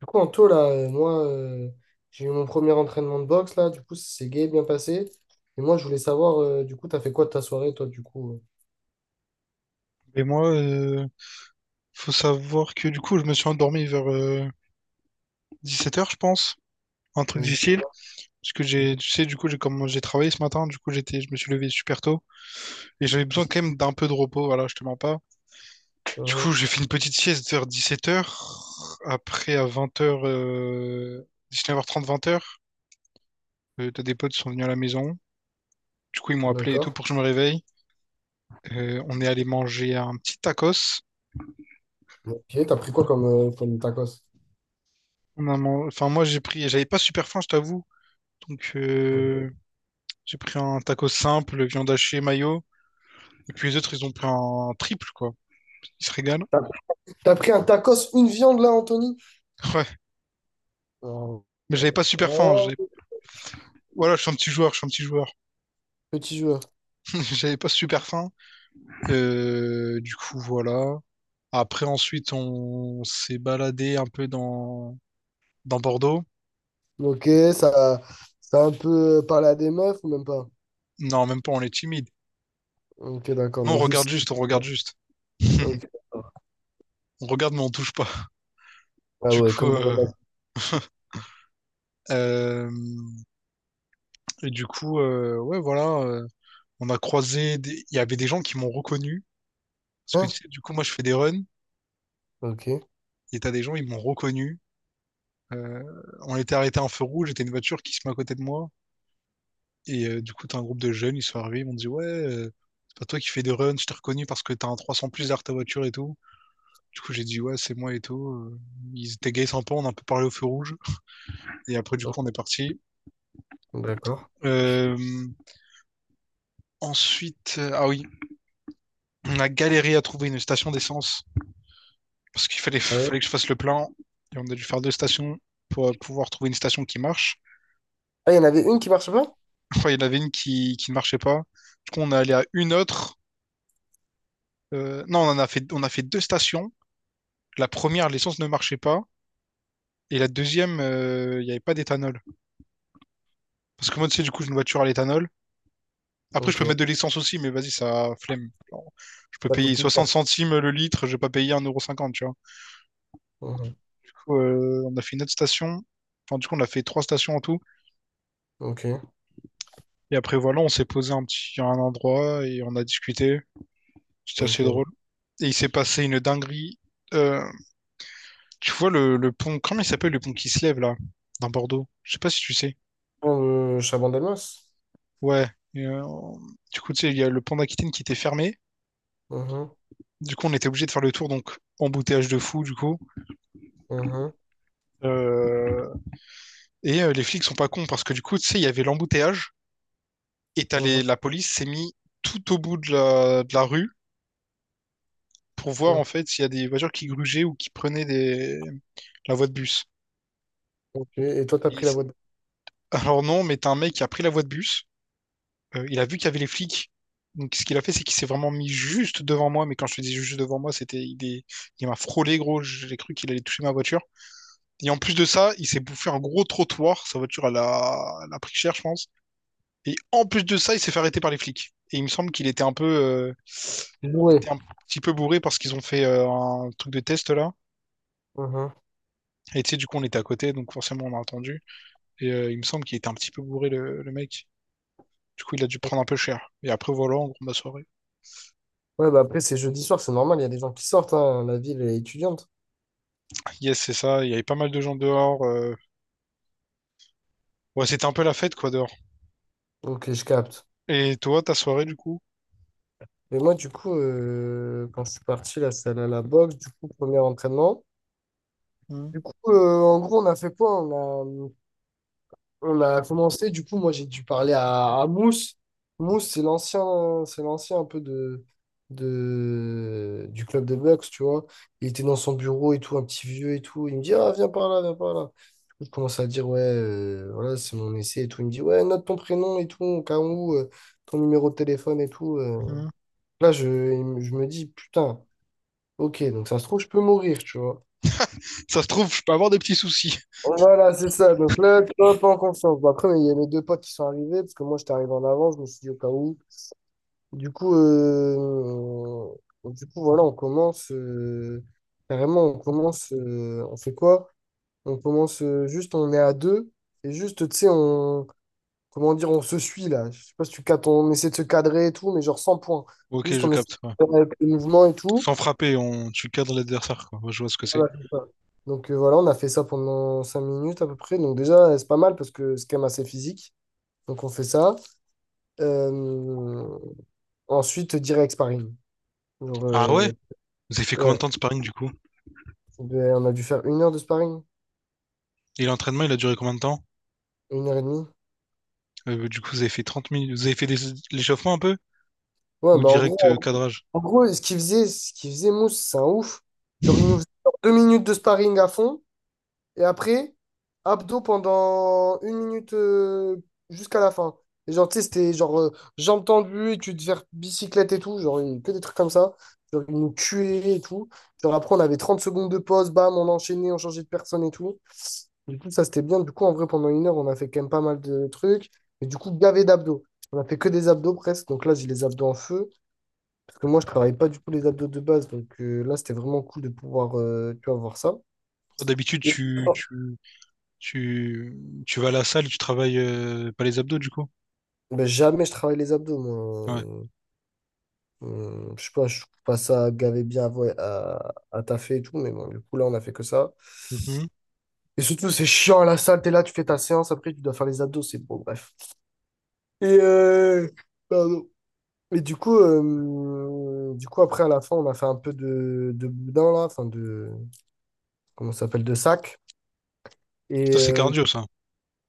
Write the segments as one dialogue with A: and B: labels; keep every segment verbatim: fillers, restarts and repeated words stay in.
A: Du coup, en taux, là, euh, moi, euh, j'ai eu mon premier entraînement de boxe, là, du coup, c'est gay, bien passé. Et moi, je voulais savoir, euh, du coup, t'as fait quoi de ta soirée, toi, du coup?
B: Et moi, euh, faut savoir que du coup, je me suis endormi vers euh, dix-sept heures, je pense. Un truc
A: euh
B: difficile. Parce que j'ai, tu sais, du coup, j'ai comme j'ai travaillé ce matin, du coup, j'étais, je me suis levé super tôt. Et j'avais besoin quand même d'un peu de repos, voilà, je te mens pas. Du
A: Mhm.
B: coup, j'ai fait une petite sieste vers dix-sept heures. Après, à vingt heures euh, neuf heures trente, vingt heures, euh, t'as des potes qui sont venus à la maison. Du coup, ils m'ont appelé et tout
A: D'accord.
B: pour que je me réveille. Euh, on est allé manger un petit tacos.
A: Ok, t'as pris quoi comme, euh, comme tacos?
B: On a man- Enfin, moi, j'ai pris, j'avais pas super faim, je t'avoue. Donc, euh, j'ai pris un taco simple, viande hachée, mayo. Et puis les autres, ils ont pris un triple, quoi. Ils se régalent.
A: T'as t'as pris un tacos, une viande, là, Anthony?
B: Ouais.
A: Oh,
B: Mais j'avais pas super faim.
A: oh,
B: j'ai- Voilà, je suis un petit joueur, je suis un petit joueur.
A: petit joueur.
B: J'avais pas super faim. Euh, du coup, voilà. Après, ensuite, on s'est baladé un peu dans... dans Bordeaux.
A: Ok, ça, ça a un peu euh, parlé à des meufs ou même pas?
B: Non, même pas, on est timide.
A: Ok, d'accord,
B: Non, on
A: donc
B: regarde
A: juste...
B: juste, on regarde juste.
A: Ok.
B: On regarde, mais on touche pas.
A: Ah
B: Du
A: ouais,
B: coup,
A: comme dans les
B: euh,
A: mecs.
B: euh, et du coup, euh, ouais, voilà. Euh, on a croisé. des- Il y avait des gens qui m'ont reconnu. Parce que tu
A: Hein.
B: sais, du coup, moi, je fais des runs
A: Ok,
B: et t'as des gens, ils m'ont reconnu. Euh, on était arrêté en feu rouge, j'étais une voiture qui se met à côté de moi. Et euh, du coup, t'as un groupe de jeunes, ils sont arrivés, ils m'ont dit, ouais, euh, c'est pas toi qui fais des runs, je t'ai reconnu parce que t'as un trois cents plus derrière ta voiture et tout. Du coup, j'ai dit, ouais, c'est moi et tout. Euh, Ils étaient gays sympas, on a un peu parlé au feu rouge. Et après, du coup, on est parti.
A: d'accord.
B: Euh, Ensuite, euh, ah oui, on a galéré à trouver une station d'essence parce qu'il fallait, fallait que je fasse le plein. Et on a dû faire deux stations pour euh, pouvoir trouver une station qui marche.
A: Ah, il y en avait une qui marche pas?
B: Enfin, il y en avait une qui, qui ne marchait pas. Du coup, on est allé à une autre. Euh, non, on en a fait, on a fait deux stations. La première, l'essence ne marchait pas. Et la deuxième, euh, il n'y avait pas d'éthanol. Parce que moi, tu sais, du coup, j'ai une voiture à l'éthanol. Après, je peux mettre
A: Ok.
B: de l'essence aussi, mais vas-y, ça flemme. Genre, je peux
A: Ça coûte
B: payer
A: plus cher.
B: soixante centimes le litre, je vais pas payer un euro cinquante, tu vois.
A: Mhm.
B: Du coup, euh, on a fait une autre station. Enfin, du coup, on a fait trois stations en tout.
A: Ok.
B: Et après, voilà, on s'est posé un petit, à un endroit et on a discuté. C'était assez drôle.
A: Ok.
B: Et il s'est passé une dinguerie. Euh, Tu vois le, le pont, comment il s'appelle le pont qui se lève là, dans Bordeaux? Je sais pas si tu sais.
A: Euh, Chabandelmas?
B: Ouais. Et, euh, du coup, tu sais, il y a le pont d'Aquitaine qui était fermé.
A: Mhm.
B: Du coup, on était obligé de faire le tour, donc embouteillage de fou, du coup.
A: Mhm.
B: Euh, Et euh, les flics sont pas cons parce que du coup, tu sais, il y avait l'embouteillage et t'as les-
A: Mhm.
B: la police s'est mis tout au bout de la, de la rue pour voir
A: Mhm.
B: en fait s'il y a des voitures qui grugeaient ou qui prenaient des... la voie de bus.
A: Ok. Et toi, t'as
B: Et
A: pris la
B: c'est-
A: voie de...
B: Alors non, mais t'as un mec qui a pris la voie de bus. Euh, il a vu qu'il y avait les flics. Donc, ce qu'il a fait, c'est qu'il s'est vraiment mis juste devant moi. Mais quand je te dis juste devant moi, c'était il, est- il m'a frôlé, gros. J'ai cru qu'il allait toucher ma voiture. Et en plus de ça, il s'est bouffé un gros trottoir. Sa voiture, elle a, elle a pris cher, je pense. Et en plus de ça, il s'est fait arrêter par les flics. Et il me semble qu'il était un peu, euh, il
A: Louer.
B: était un petit peu bourré parce qu'ils ont fait euh, un truc de test là.
A: Mhm.
B: Et tu sais, du coup, on était à côté, donc forcément, on a entendu. Et euh, il me semble qu'il était un petit peu bourré, le, le mec. Du coup, il a dû prendre un peu cher. Et après, voilà, en gros, ma soirée.
A: Ouais, bah après, c'est jeudi soir, c'est normal, il y a des gens qui sortent, hein, la ville est étudiante.
B: Yes, c'est ça. Il y avait pas mal de gens dehors. euh. Ouais, c'était un peu la fête, quoi, dehors.
A: Ok, je capte.
B: Et toi, ta soirée, du coup?
A: Mais moi, du coup, euh, quand je suis parti, là, c'est allé à la boxe, du coup, premier entraînement.
B: Hum,
A: Du coup, euh, en gros, on a fait quoi? On a... On a commencé, du coup, moi j'ai dû parler à, à, Mousse. Mousse, c'est l'ancien, c'est l'ancien un peu de, de, du club des Bucks, tu vois. Il était dans son bureau et tout, un petit vieux et tout. Il me dit, ah, viens par là, viens par là. Du coup, je commence à dire, ouais, euh, voilà, c'est mon essai et tout. Il me dit, ouais, note ton prénom et tout, au cas où, euh, ton numéro de téléphone et tout. euh.
B: hum.
A: Là, je, il me- je me dis, putain, ok, donc ça se trouve, je peux mourir, tu vois.
B: Ça se trouve, je peux avoir des petits soucis.
A: Voilà, c'est ça. Donc là, tu vois, pas en confiance. Bon, après, il y a mes deux potes qui sont arrivés, parce que moi, j'étais arrivé en avance, je me suis dit au cas où. Du coup, euh, du coup voilà, on commence. euh, Carrément, on commence. euh, On fait quoi? On commence euh, juste, on est à deux. Et juste, tu sais, on. Comment dire, on se suit là. Je sais pas si tu cadres, on essaie de se cadrer et tout, mais genre sans points.
B: Ok,
A: Juste,
B: je
A: on essaie
B: capte. Ouais.
A: de faire avec le mouvement et tout.
B: Sans frapper, on... tu cadres l'adversaire, quoi. Ouais, je vois ce que c'est.
A: Voilà, c'est ça. Donc euh, voilà, on a fait ça pendant cinq minutes à peu près. Donc déjà, c'est pas mal parce que c'est quand même assez physique. Donc on fait ça. Euh, Ensuite, direct sparring. Genre,
B: Ah ouais?
A: euh,
B: Vous avez fait
A: ouais,
B: combien de temps de sparring, du coup?
A: ben, on a dû faire une heure de sparring,
B: Et l'entraînement, il a duré combien de temps?
A: une heure et demie.
B: Euh, du coup, vous avez fait trente minutes. Vous avez fait des... l'échauffement un peu?
A: Ouais,
B: Ou
A: mais en gros,
B: direct euh,
A: en
B: cadrage?
A: en gros, ce qu'il faisait, ce qu'il faisait, Mousse, c'est un ouf. Genre, il nous faisait deux minutes de sparring à fond. Et après, abdos pendant une minute euh, jusqu'à la fin. Et genre, tu sais, c'était genre euh, jambes tendues et tu devais faire bicyclette et tout. Genre, une- que des trucs comme ça. Genre, ils nous tuaient et tout. Genre, après, on avait trente secondes de pause, bam, on enchaînait, on changeait de personne et tout. Du coup, ça, c'était bien. Du coup, en vrai, pendant une heure, on a fait quand même pas mal de trucs. Mais du coup, gavé d'abdos. On a fait que des abdos presque. Donc là, j'ai les abdos en feu. Parce que moi, je travaille pas du tout les abdos de base. Donc euh, là, c'était vraiment cool de pouvoir, euh, tu vois, voir ça.
B: D'habitude,
A: Et
B: tu, tu, tu, tu vas à la salle, tu travailles euh, pas les abdos, du coup?
A: ben, jamais je travaille les abdos,
B: Ouais.
A: moi. Euh, je sais pas, je trouve pas ça gavé bien à, vo- à, à taffer et tout, mais bon, du coup, là, on a fait que ça.
B: Mhm.
A: Et surtout, c'est chiant à la salle, t'es là, tu fais ta séance, après, tu dois faire les abdos, c'est bon, bref. Et, euh, pardon. Et du coup, euh, du coup, après, à la fin, on a fait un peu de, de boudin, là, enfin, de, comment ça s'appelle, de sac.
B: Ça,
A: Et,
B: c'est
A: euh,
B: cardio, ça.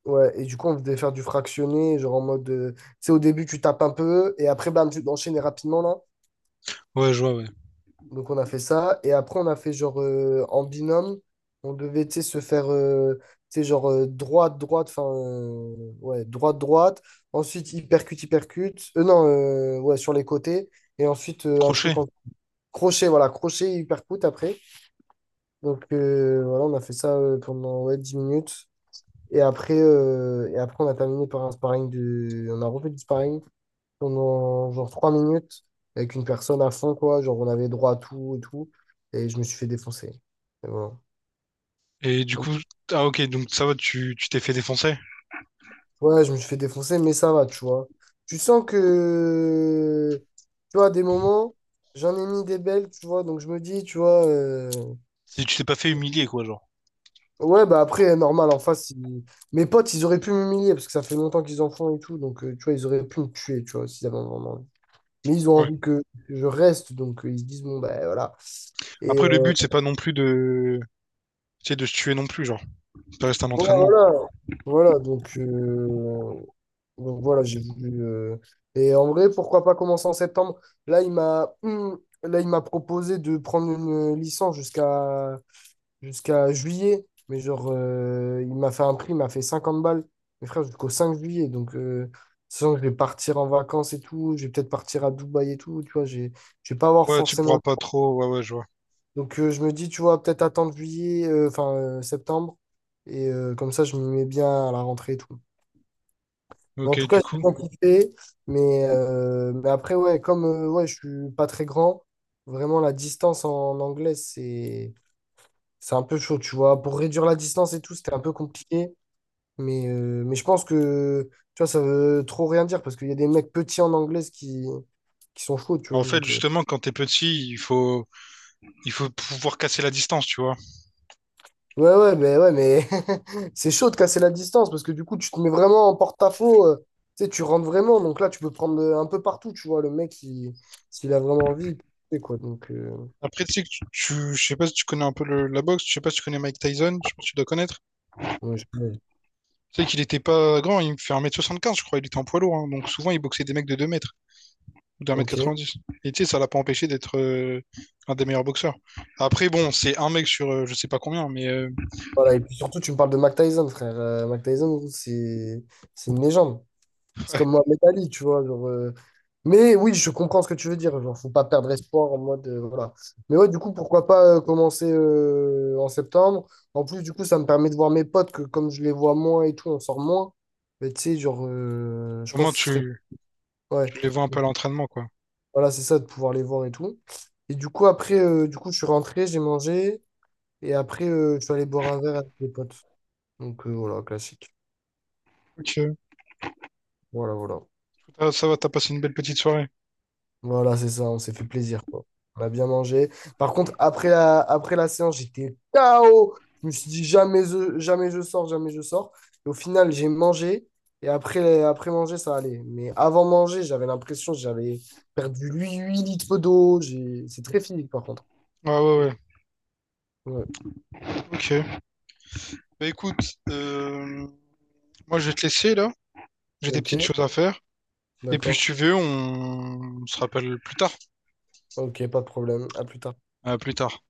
A: ouais, et du coup, on devait faire du fractionné, genre en mode, euh, tu sais, au début, tu tapes un peu, et après, bam, tu enchaînes rapidement, là.
B: Ouais, je vois, ouais.
A: Donc on a fait ça. Et après, on a fait genre euh, en binôme, on devait tu sais, se faire euh, tu sais, genre euh, droite, droite, enfin euh, ouais, droite, droite. Ensuite, hypercute, hypercute. Euh, non, euh, ouais, sur les côtés. Et ensuite, euh, un truc
B: Crochet?
A: en crochet, voilà, crochet, hypercute après. Donc euh, voilà, on a fait ça euh, pendant ouais, dix minutes. Et après, euh, et après, on a terminé par un sparring de. On a refait du sparring pendant genre trois minutes avec une personne à fond, quoi. Genre, on avait droit à tout et tout. Et je me suis fait défoncer. Et voilà.
B: Et du
A: Donc,
B: coup, ah ok, donc ça va, tu tu t'es fait défoncer.
A: ouais, je me suis fait défoncer, mais ça va, tu vois. Tu sens que, tu vois, à des moments, j'en ai mis des belles, tu vois. Donc, je me dis, tu vois, euh,
B: Tu tu t'es pas fait humilier, quoi, genre.
A: ouais, bah après, normal, en face, ils- mes potes, ils auraient pu m'humilier parce que ça fait longtemps qu'ils en font et tout. Donc, euh, tu vois, ils auraient pu me tuer, tu vois, s'ils avaient vraiment envie. Mais ils ont
B: Ouais.
A: envie que je reste, donc euh, ils se disent, bon, ben voilà. Et
B: Après, le but, c'est pas non plus de, tu sais, de se tuer non plus, genre. Ça reste un
A: ouais,
B: entraînement.
A: voilà. Voilà, donc, euh, donc voilà, j'ai voulu. euh, Et en vrai, pourquoi pas commencer en septembre? Là, il m'a hum, là, il m'a proposé de prendre une euh, licence jusqu'à jusqu'à juillet. Mais genre, euh, il m'a fait un prix, il m'a fait cinquante balles. Mes frères jusqu'au cinq juillet. Donc, euh, sachant que je vais partir en vacances et tout, je vais peut-être partir à Dubaï et tout. Tu vois, j'ai, je vais pas avoir
B: Ouais, tu pourras
A: forcément
B: pas trop. Ouais, ouais, je vois.
A: donc euh, je me dis, tu vois, peut-être attendre juillet, euh, enfin euh, septembre. Et euh, comme ça, je m'y mets bien à la rentrée et tout. Mais en
B: Ok,
A: tout cas,
B: du
A: j'ai
B: coup.
A: bien kiffé. Mais, euh, mais après, ouais, comme euh, ouais, je suis pas très grand, vraiment la distance en anglais, c'est c'est un peu chaud, tu vois. Pour réduire la distance et tout, c'était un peu compliqué. Mais, euh, mais je pense que, tu vois, ça veut trop rien dire parce qu'il y a des mecs petits en anglais qui, qui sont chauds, tu
B: Mais
A: vois.
B: en fait,
A: Donc, euh,
B: justement, quand t'es petit, il faut il faut pouvoir casser la distance, tu vois.
A: ouais, ouais, mais, ouais, mais c'est chaud de casser la distance parce que du coup, tu te mets vraiment en porte-à-faux. Euh, tu sais, tu rentres vraiment. Donc là, tu peux prendre euh, un peu partout, tu vois. Le mec, il- s'il a vraiment envie, il peut tester, quoi. Donc, euh,
B: Après, tu sais que tu, tu- je sais pas si tu connais un peu le- la boxe, je sais pas si tu connais Mike Tyson, je pense que tu dois connaître.
A: ouais, je- ouais,
B: Tu sais qu'il était pas grand, il me fait un mètre soixante-quinze, je crois, il était en poids lourd, hein. Donc souvent il boxait des mecs de deux mètres ou d'un mètre
A: ok.
B: quatre-vingt-dix. Et tu sais, ça l'a pas empêché d'être euh, un des meilleurs boxeurs. Après, bon, c'est un mec sur euh, je sais pas combien, mais euh,
A: Voilà, et puis surtout, tu me parles de Mike Tyson, frère. Euh, Mike Tyson, c'est c'est une légende. C'est comme Mohamed Italie tu vois. Genre, euh, mais oui, je comprends ce que tu veux dire. Genre, faut pas perdre espoir en mode. Euh, voilà. Mais ouais, du coup, pourquoi pas euh, commencer euh, en septembre? En plus, du coup, ça me permet de voir mes potes que comme je les vois moins et tout, on sort moins. Mais tu sais, genre, euh, je
B: au moins
A: pense que ce serait.
B: tu,
A: Ouais.
B: tu les vois un peu
A: Donc,
B: à l'entraînement, quoi.
A: voilà, c'est ça, de pouvoir les voir et tout. Et du coup, après, euh, du coup, je suis rentré, j'ai mangé. Et après, euh, je suis allé boire un verre avec mes potes. Donc euh, voilà, classique.
B: Ok,
A: Voilà, voilà.
B: Ah, ça va, t'as passé une belle petite soirée.
A: Voilà, c'est ça, on s'est fait plaisir, quoi. On a bien mangé. Par contre, après la, après la séance, j'étais K O. Je me suis dit jamais je, jamais je sors, jamais je sors. Et au final, j'ai mangé. Et après, après manger, ça allait. Mais avant manger, j'avais l'impression que j'avais perdu huit huit litres d'eau. J'ai- C'est très physique, par contre.
B: Ouais, ouais, ouais.
A: Ouais.
B: Ok. Bah écoute, euh, moi je vais te laisser là, j'ai des
A: Ok,
B: petites choses à faire. Et puis si
A: d'accord.
B: tu veux, on, on se rappelle plus tard.
A: Ok, pas de problème. À plus tard.
B: À plus tard.